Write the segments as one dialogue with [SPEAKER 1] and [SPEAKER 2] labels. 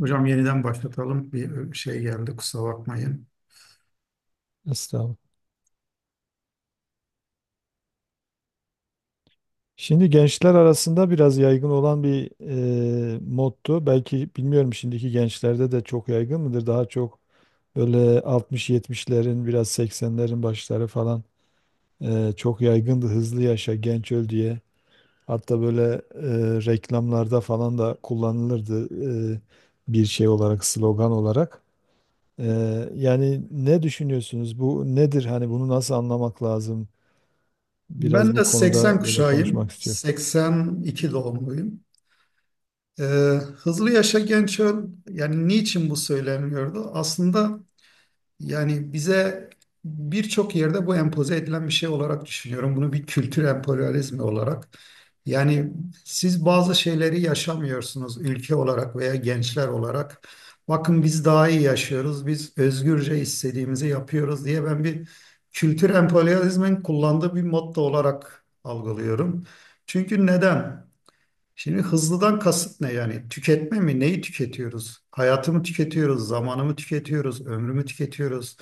[SPEAKER 1] Hocam yeniden başlatalım. Bir şey geldi kusura bakmayın.
[SPEAKER 2] Estağfurullah. Şimdi gençler arasında biraz yaygın olan bir moddu. Belki bilmiyorum, şimdiki gençlerde de çok yaygın mıdır? Daha çok böyle altmış-yetmişlerin, biraz seksenlerin başları falan çok yaygındı. Hızlı yaşa, genç öl diye. Hatta böyle reklamlarda falan da kullanılırdı e, bir şey olarak, slogan olarak. E, Yani ne düşünüyorsunuz? Bu nedir? Hani bunu nasıl anlamak lazım? Biraz
[SPEAKER 1] Ben de
[SPEAKER 2] bu
[SPEAKER 1] 80
[SPEAKER 2] konuda böyle konuşmak
[SPEAKER 1] kuşağıyım.
[SPEAKER 2] istiyorum.
[SPEAKER 1] 82 doğumluyum. Ee, Hızlı yaşa genç öl, yani niçin bu söyleniyordu? Aslında yani bize birçok yerde bu empoze edilen bir şey olarak düşünüyorum. Bunu bir kültür emperyalizmi olarak. Yani siz bazı şeyleri yaşamıyorsunuz ülke olarak veya gençler olarak. Bakın biz daha iyi yaşıyoruz, biz özgürce istediğimizi yapıyoruz diye ben bir kültür emperyalizmin kullandığı bir motto olarak algılıyorum. Çünkü neden? Şimdi hızlıdan kasıt ne yani? Tüketme mi? Neyi tüketiyoruz? Hayatımı tüketiyoruz, zamanımı tüketiyoruz, ömrümü tüketiyoruz.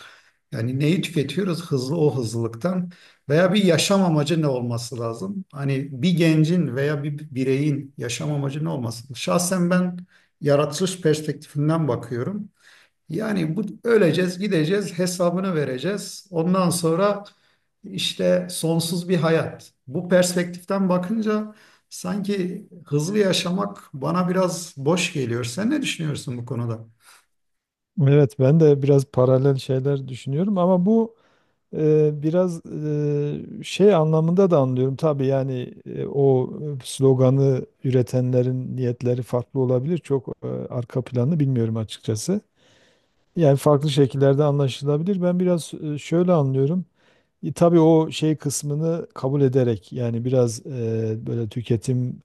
[SPEAKER 1] Yani neyi tüketiyoruz? Hızlı o hızlılıktan veya bir yaşam amacı ne olması lazım? Hani bir gencin veya bir bireyin yaşam amacı ne olması? Şahsen ben yaratılış perspektifinden bakıyorum. Yani bu öleceğiz, gideceğiz, hesabını vereceğiz. Ondan sonra işte sonsuz bir hayat. Bu perspektiften bakınca sanki hızlı yaşamak bana biraz boş geliyor. Sen ne düşünüyorsun bu konuda?
[SPEAKER 2] Evet, ben de biraz paralel şeyler düşünüyorum ama bu şey anlamında da anlıyorum. Tabii yani o sloganı üretenlerin niyetleri farklı olabilir. Çok arka planı bilmiyorum açıkçası. Yani farklı şekillerde anlaşılabilir. Ben biraz şöyle anlıyorum. Tabii o şey kısmını kabul ederek yani biraz böyle tüketim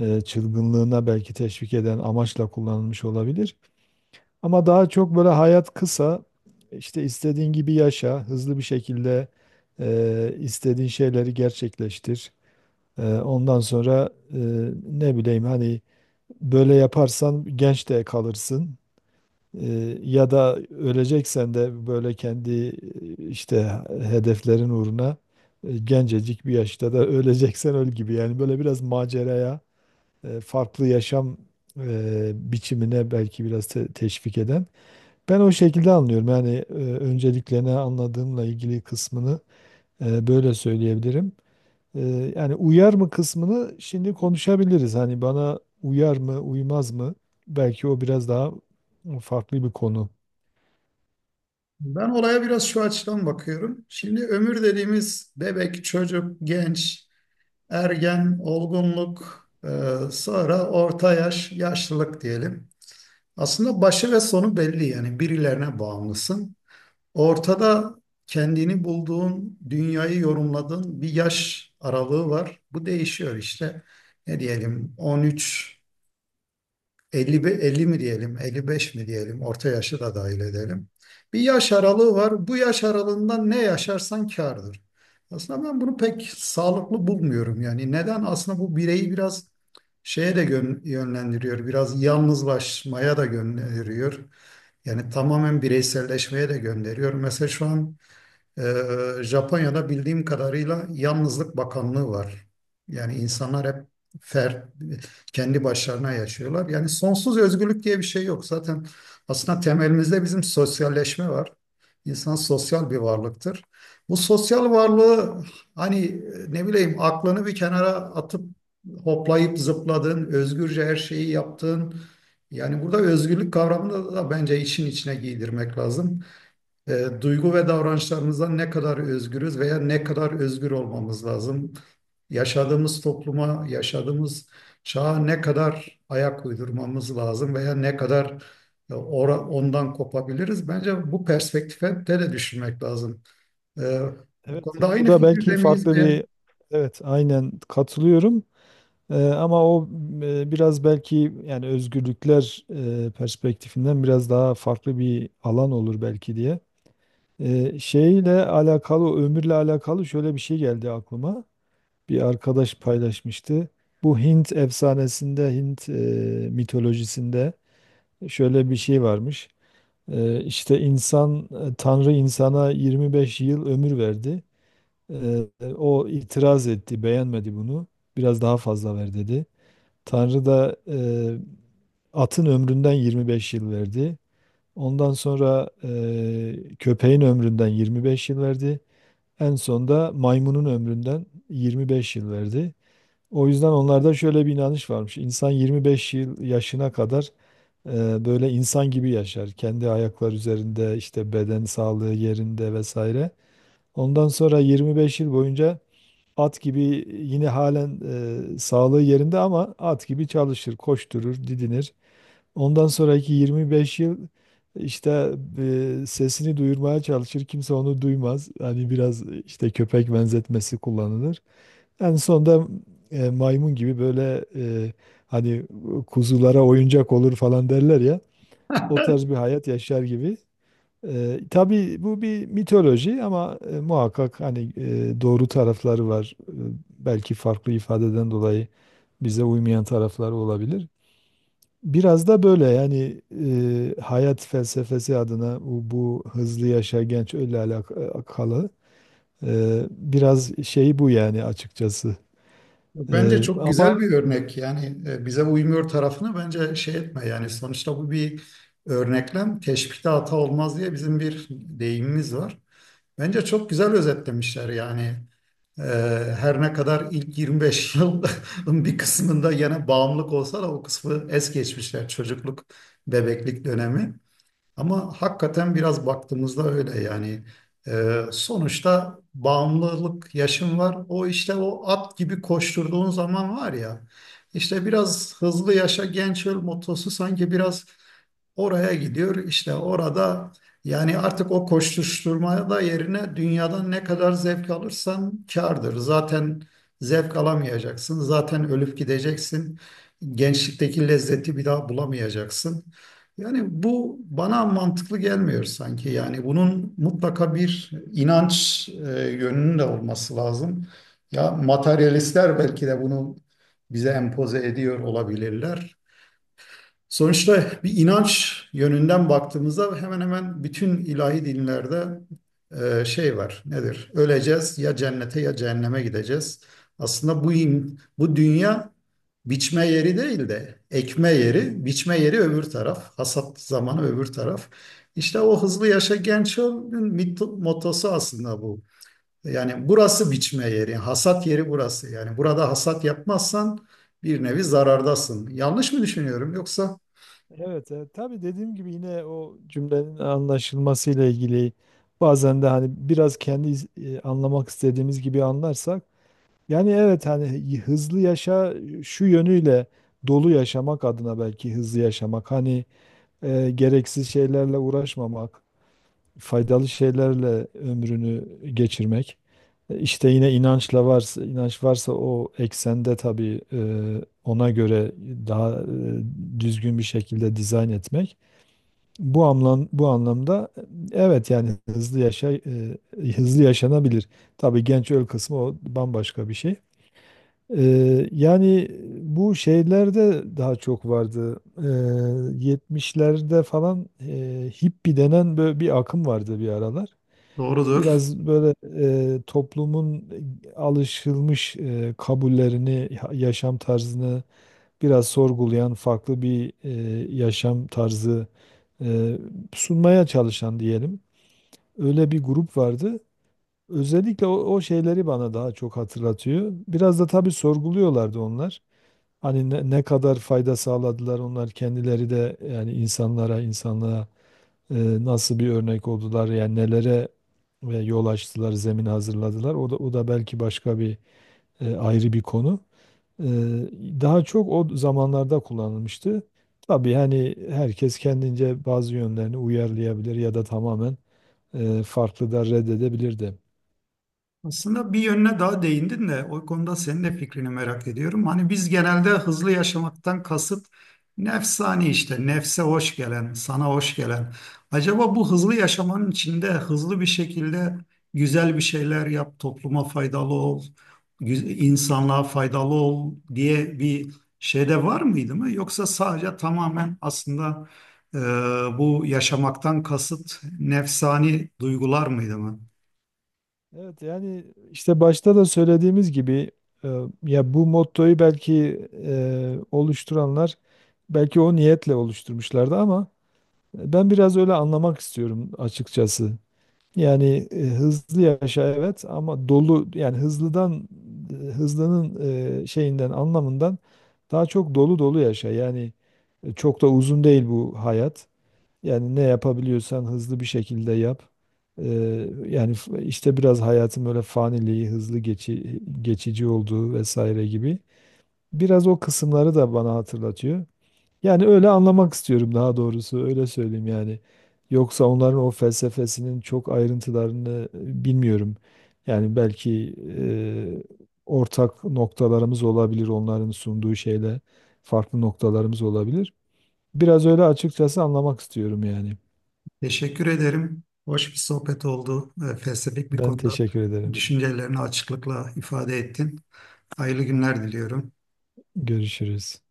[SPEAKER 2] çılgınlığına belki teşvik eden amaçla kullanılmış olabilir. Ama daha çok böyle hayat kısa, işte istediğin gibi yaşa, hızlı bir şekilde istediğin şeyleri gerçekleştir. Ondan sonra ne bileyim, hani böyle yaparsan genç de kalırsın. E, Ya da öleceksen de böyle kendi işte hedeflerin uğruna gencecik bir yaşta da öleceksen öl gibi. Yani böyle biraz maceraya, farklı yaşam biçimine belki biraz teşvik eden. Ben o şekilde anlıyorum. Yani öncelikle ne anladığımla ilgili kısmını böyle söyleyebilirim. E, Yani uyar mı kısmını şimdi konuşabiliriz. Hani bana uyar mı, uymaz mı? Belki o biraz daha farklı bir konu.
[SPEAKER 1] Ben olaya biraz şu açıdan bakıyorum. Şimdi ömür dediğimiz bebek, çocuk, genç, ergen, olgunluk, sonra orta yaş, yaşlılık diyelim. Aslında başı ve sonu belli, yani birilerine bağımlısın. Ortada kendini bulduğun, dünyayı yorumladığın bir yaş aralığı var. Bu değişiyor işte. Ne diyelim, 13, 50, 50 mi diyelim, 55 mi diyelim, orta yaşı da dahil edelim. Bir yaş aralığı var. Bu yaş aralığında ne yaşarsan kârdır. Aslında ben bunu pek sağlıklı bulmuyorum yani. Neden? Aslında bu bireyi biraz şeye de yönlendiriyor, biraz yalnızlaşmaya da gönderiyor. Yani tamamen bireyselleşmeye de gönderiyor. Mesela şu an Japonya'da bildiğim kadarıyla Yalnızlık Bakanlığı var. Yani insanlar hep fer, kendi başlarına yaşıyorlar. Yani sonsuz özgürlük diye bir şey yok. Zaten aslında temelimizde bizim sosyalleşme var. İnsan sosyal bir varlıktır. Bu sosyal varlığı hani ne bileyim aklını bir kenara atıp hoplayıp zıpladığın, özgürce her şeyi yaptığın, yani burada özgürlük kavramını da bence işin içine giydirmek lazım. Duygu ve davranışlarımızdan ne kadar özgürüz veya ne kadar özgür olmamız lazım? Yaşadığımız topluma, yaşadığımız çağa ne kadar ayak uydurmamız lazım veya ne kadar ondan kopabiliriz? Bence bu perspektife de düşünmek lazım. E, Bu
[SPEAKER 2] Evet,
[SPEAKER 1] konuda
[SPEAKER 2] bu
[SPEAKER 1] aynı
[SPEAKER 2] da belki
[SPEAKER 1] fikirde miyiz?
[SPEAKER 2] farklı
[SPEAKER 1] Ve
[SPEAKER 2] bir evet aynen katılıyorum. Ama o biraz belki yani özgürlükler perspektifinden biraz daha farklı bir alan olur belki diye. Şeyle alakalı, ömürle alakalı şöyle bir şey geldi aklıma. Bir arkadaş paylaşmıştı. Bu Hint efsanesinde, Hint mitolojisinde şöyle bir şey varmış. İşte Tanrı insana 25 yıl ömür verdi. Ee, O itiraz etti, beğenmedi bunu. Biraz daha fazla ver dedi. Tanrı da atın ömründen 25 yıl verdi. Ondan sonra köpeğin ömründen 25 yıl verdi. En son da maymunun ömründen 25 yıl verdi. O yüzden onlarda şöyle bir inanış varmış. İnsan 25 yıl yaşına kadar böyle insan gibi yaşar. Kendi ayaklar üzerinde, işte beden sağlığı yerinde vesaire. Ondan sonra 25 yıl boyunca at gibi yine halen sağlığı yerinde ama at gibi çalışır, koşturur, didinir. Ondan sonraki 25 yıl işte sesini duyurmaya çalışır. Kimse onu duymaz. Hani biraz işte köpek benzetmesi kullanılır. En sonunda maymun gibi böyle hani kuzulara oyuncak olur falan derler ya. O tarz bir hayat yaşar gibi. Tabii bu bir mitoloji ama muhakkak hani doğru tarafları var. Belki farklı ifadeden dolayı bize uymayan tarafları olabilir. Biraz da böyle yani hayat felsefesi adına bu hızlı yaşa genç öyle alakalı biraz şey bu yani açıkçası.
[SPEAKER 1] bence
[SPEAKER 2] E,
[SPEAKER 1] çok
[SPEAKER 2] ama
[SPEAKER 1] güzel bir örnek. Yani bize uymuyor tarafını bence şey etme. Yani sonuçta bu bir örneklem. Teşbihte hata olmaz diye bizim bir deyimimiz var. Bence çok güzel özetlemişler yani. Ee, Her ne kadar ilk 25 yılın bir kısmında yine bağımlılık olsa da o kısmı es geçmişler. Çocukluk, bebeklik dönemi. Ama hakikaten biraz baktığımızda öyle yani. Sonuçta bağımlılık yaşım var. O işte o at gibi koşturduğun zaman var ya. İşte biraz hızlı yaşa genç öl motosu sanki biraz oraya gidiyor, işte orada yani artık o koşuşturmaya da yerine dünyadan ne kadar zevk alırsan kârdır. Zaten zevk alamayacaksın. Zaten ölüp gideceksin. Gençlikteki lezzeti bir daha bulamayacaksın. Yani bu bana mantıklı gelmiyor sanki. Yani bunun mutlaka bir inanç yönünün de olması lazım. Ya materyalistler belki de bunu bize empoze ediyor olabilirler. Sonuçta bir inanç yönünden baktığımızda hemen hemen bütün ilahi dinlerde şey var. Nedir? Öleceğiz, ya cennete ya cehenneme gideceğiz. Aslında bu dünya biçme yeri değil de ekme yeri, biçme yeri öbür taraf, hasat zamanı öbür taraf. İşte o hızlı yaşa genç ol'un mottosu aslında bu. Yani burası biçme yeri, hasat yeri burası. Yani burada hasat yapmazsan bir nevi zarardasın. Yanlış mı düşünüyorum yoksa?
[SPEAKER 2] evet tabii dediğim gibi yine o cümlenin anlaşılmasıyla ilgili bazen de hani biraz kendi anlamak istediğimiz gibi anlarsak yani evet hani hızlı yaşa şu yönüyle dolu yaşamak adına belki hızlı yaşamak hani gereksiz şeylerle uğraşmamak, faydalı şeylerle ömrünü geçirmek. İşte yine inançla varsa, inanç varsa o eksende tabii ona göre daha düzgün bir şekilde dizayn etmek. Bu anlamda evet yani hızlı yaşa, hızlı yaşanabilir. Tabii genç öl kısmı o bambaşka bir şey. E, Yani bu şeylerde daha çok vardı. 70'lerde falan hippie denen böyle bir akım vardı bir aralar.
[SPEAKER 1] Doğrudur.
[SPEAKER 2] Biraz böyle toplumun alışılmış kabullerini, yaşam tarzını biraz sorgulayan farklı bir yaşam tarzı e, sunmaya çalışan diyelim. Öyle bir grup vardı. Özellikle o şeyleri bana daha çok hatırlatıyor. Biraz da tabii sorguluyorlardı onlar. Hani ne kadar fayda sağladılar onlar kendileri de yani insanlara, insanlığa nasıl bir örnek oldular, yani nelere ve yol açtılar, zemin hazırladılar. O da belki başka bir ayrı bir konu. E, Daha çok o zamanlarda kullanılmıştı. Tabii hani herkes kendince bazı yönlerini uyarlayabilir ya da tamamen farklı da reddedebilirdi.
[SPEAKER 1] Aslında bir yönüne daha değindin de o konuda senin de fikrini merak ediyorum. Hani biz genelde hızlı yaşamaktan kasıt nefsani işte, nefse hoş gelen, sana hoş gelen. Acaba bu hızlı yaşamanın içinde hızlı bir şekilde güzel bir şeyler yap, topluma faydalı ol, insanlığa faydalı ol diye bir şey de var mıydı mı? Yoksa sadece tamamen aslında e, bu yaşamaktan kasıt nefsani duygular mıydı mı?
[SPEAKER 2] Evet yani işte başta da söylediğimiz gibi e, ya bu mottoyu belki oluşturanlar belki o niyetle oluşturmuşlardı ama ben biraz öyle anlamak istiyorum açıkçası. Yani hızlı yaşa evet ama dolu, yani hızlıdan e, hızlının şeyinden, anlamından daha çok dolu dolu yaşa. Yani çok da uzun değil bu hayat. Yani ne yapabiliyorsan hızlı bir şekilde yap. Yani işte biraz hayatın böyle faniliği, hızlı geçici olduğu vesaire gibi. Biraz o kısımları da bana hatırlatıyor. Yani öyle anlamak istiyorum, daha doğrusu öyle söyleyeyim yani. Yoksa onların o felsefesinin çok ayrıntılarını bilmiyorum. Yani belki ortak noktalarımız olabilir onların sunduğu şeyle, farklı noktalarımız olabilir. Biraz öyle açıkçası anlamak istiyorum yani.
[SPEAKER 1] Teşekkür ederim. Hoş bir sohbet oldu. Felsefik bir
[SPEAKER 2] Ben
[SPEAKER 1] konuda
[SPEAKER 2] teşekkür ederim.
[SPEAKER 1] düşüncelerini açıklıkla ifade ettin. Hayırlı günler diliyorum.
[SPEAKER 2] Görüşürüz.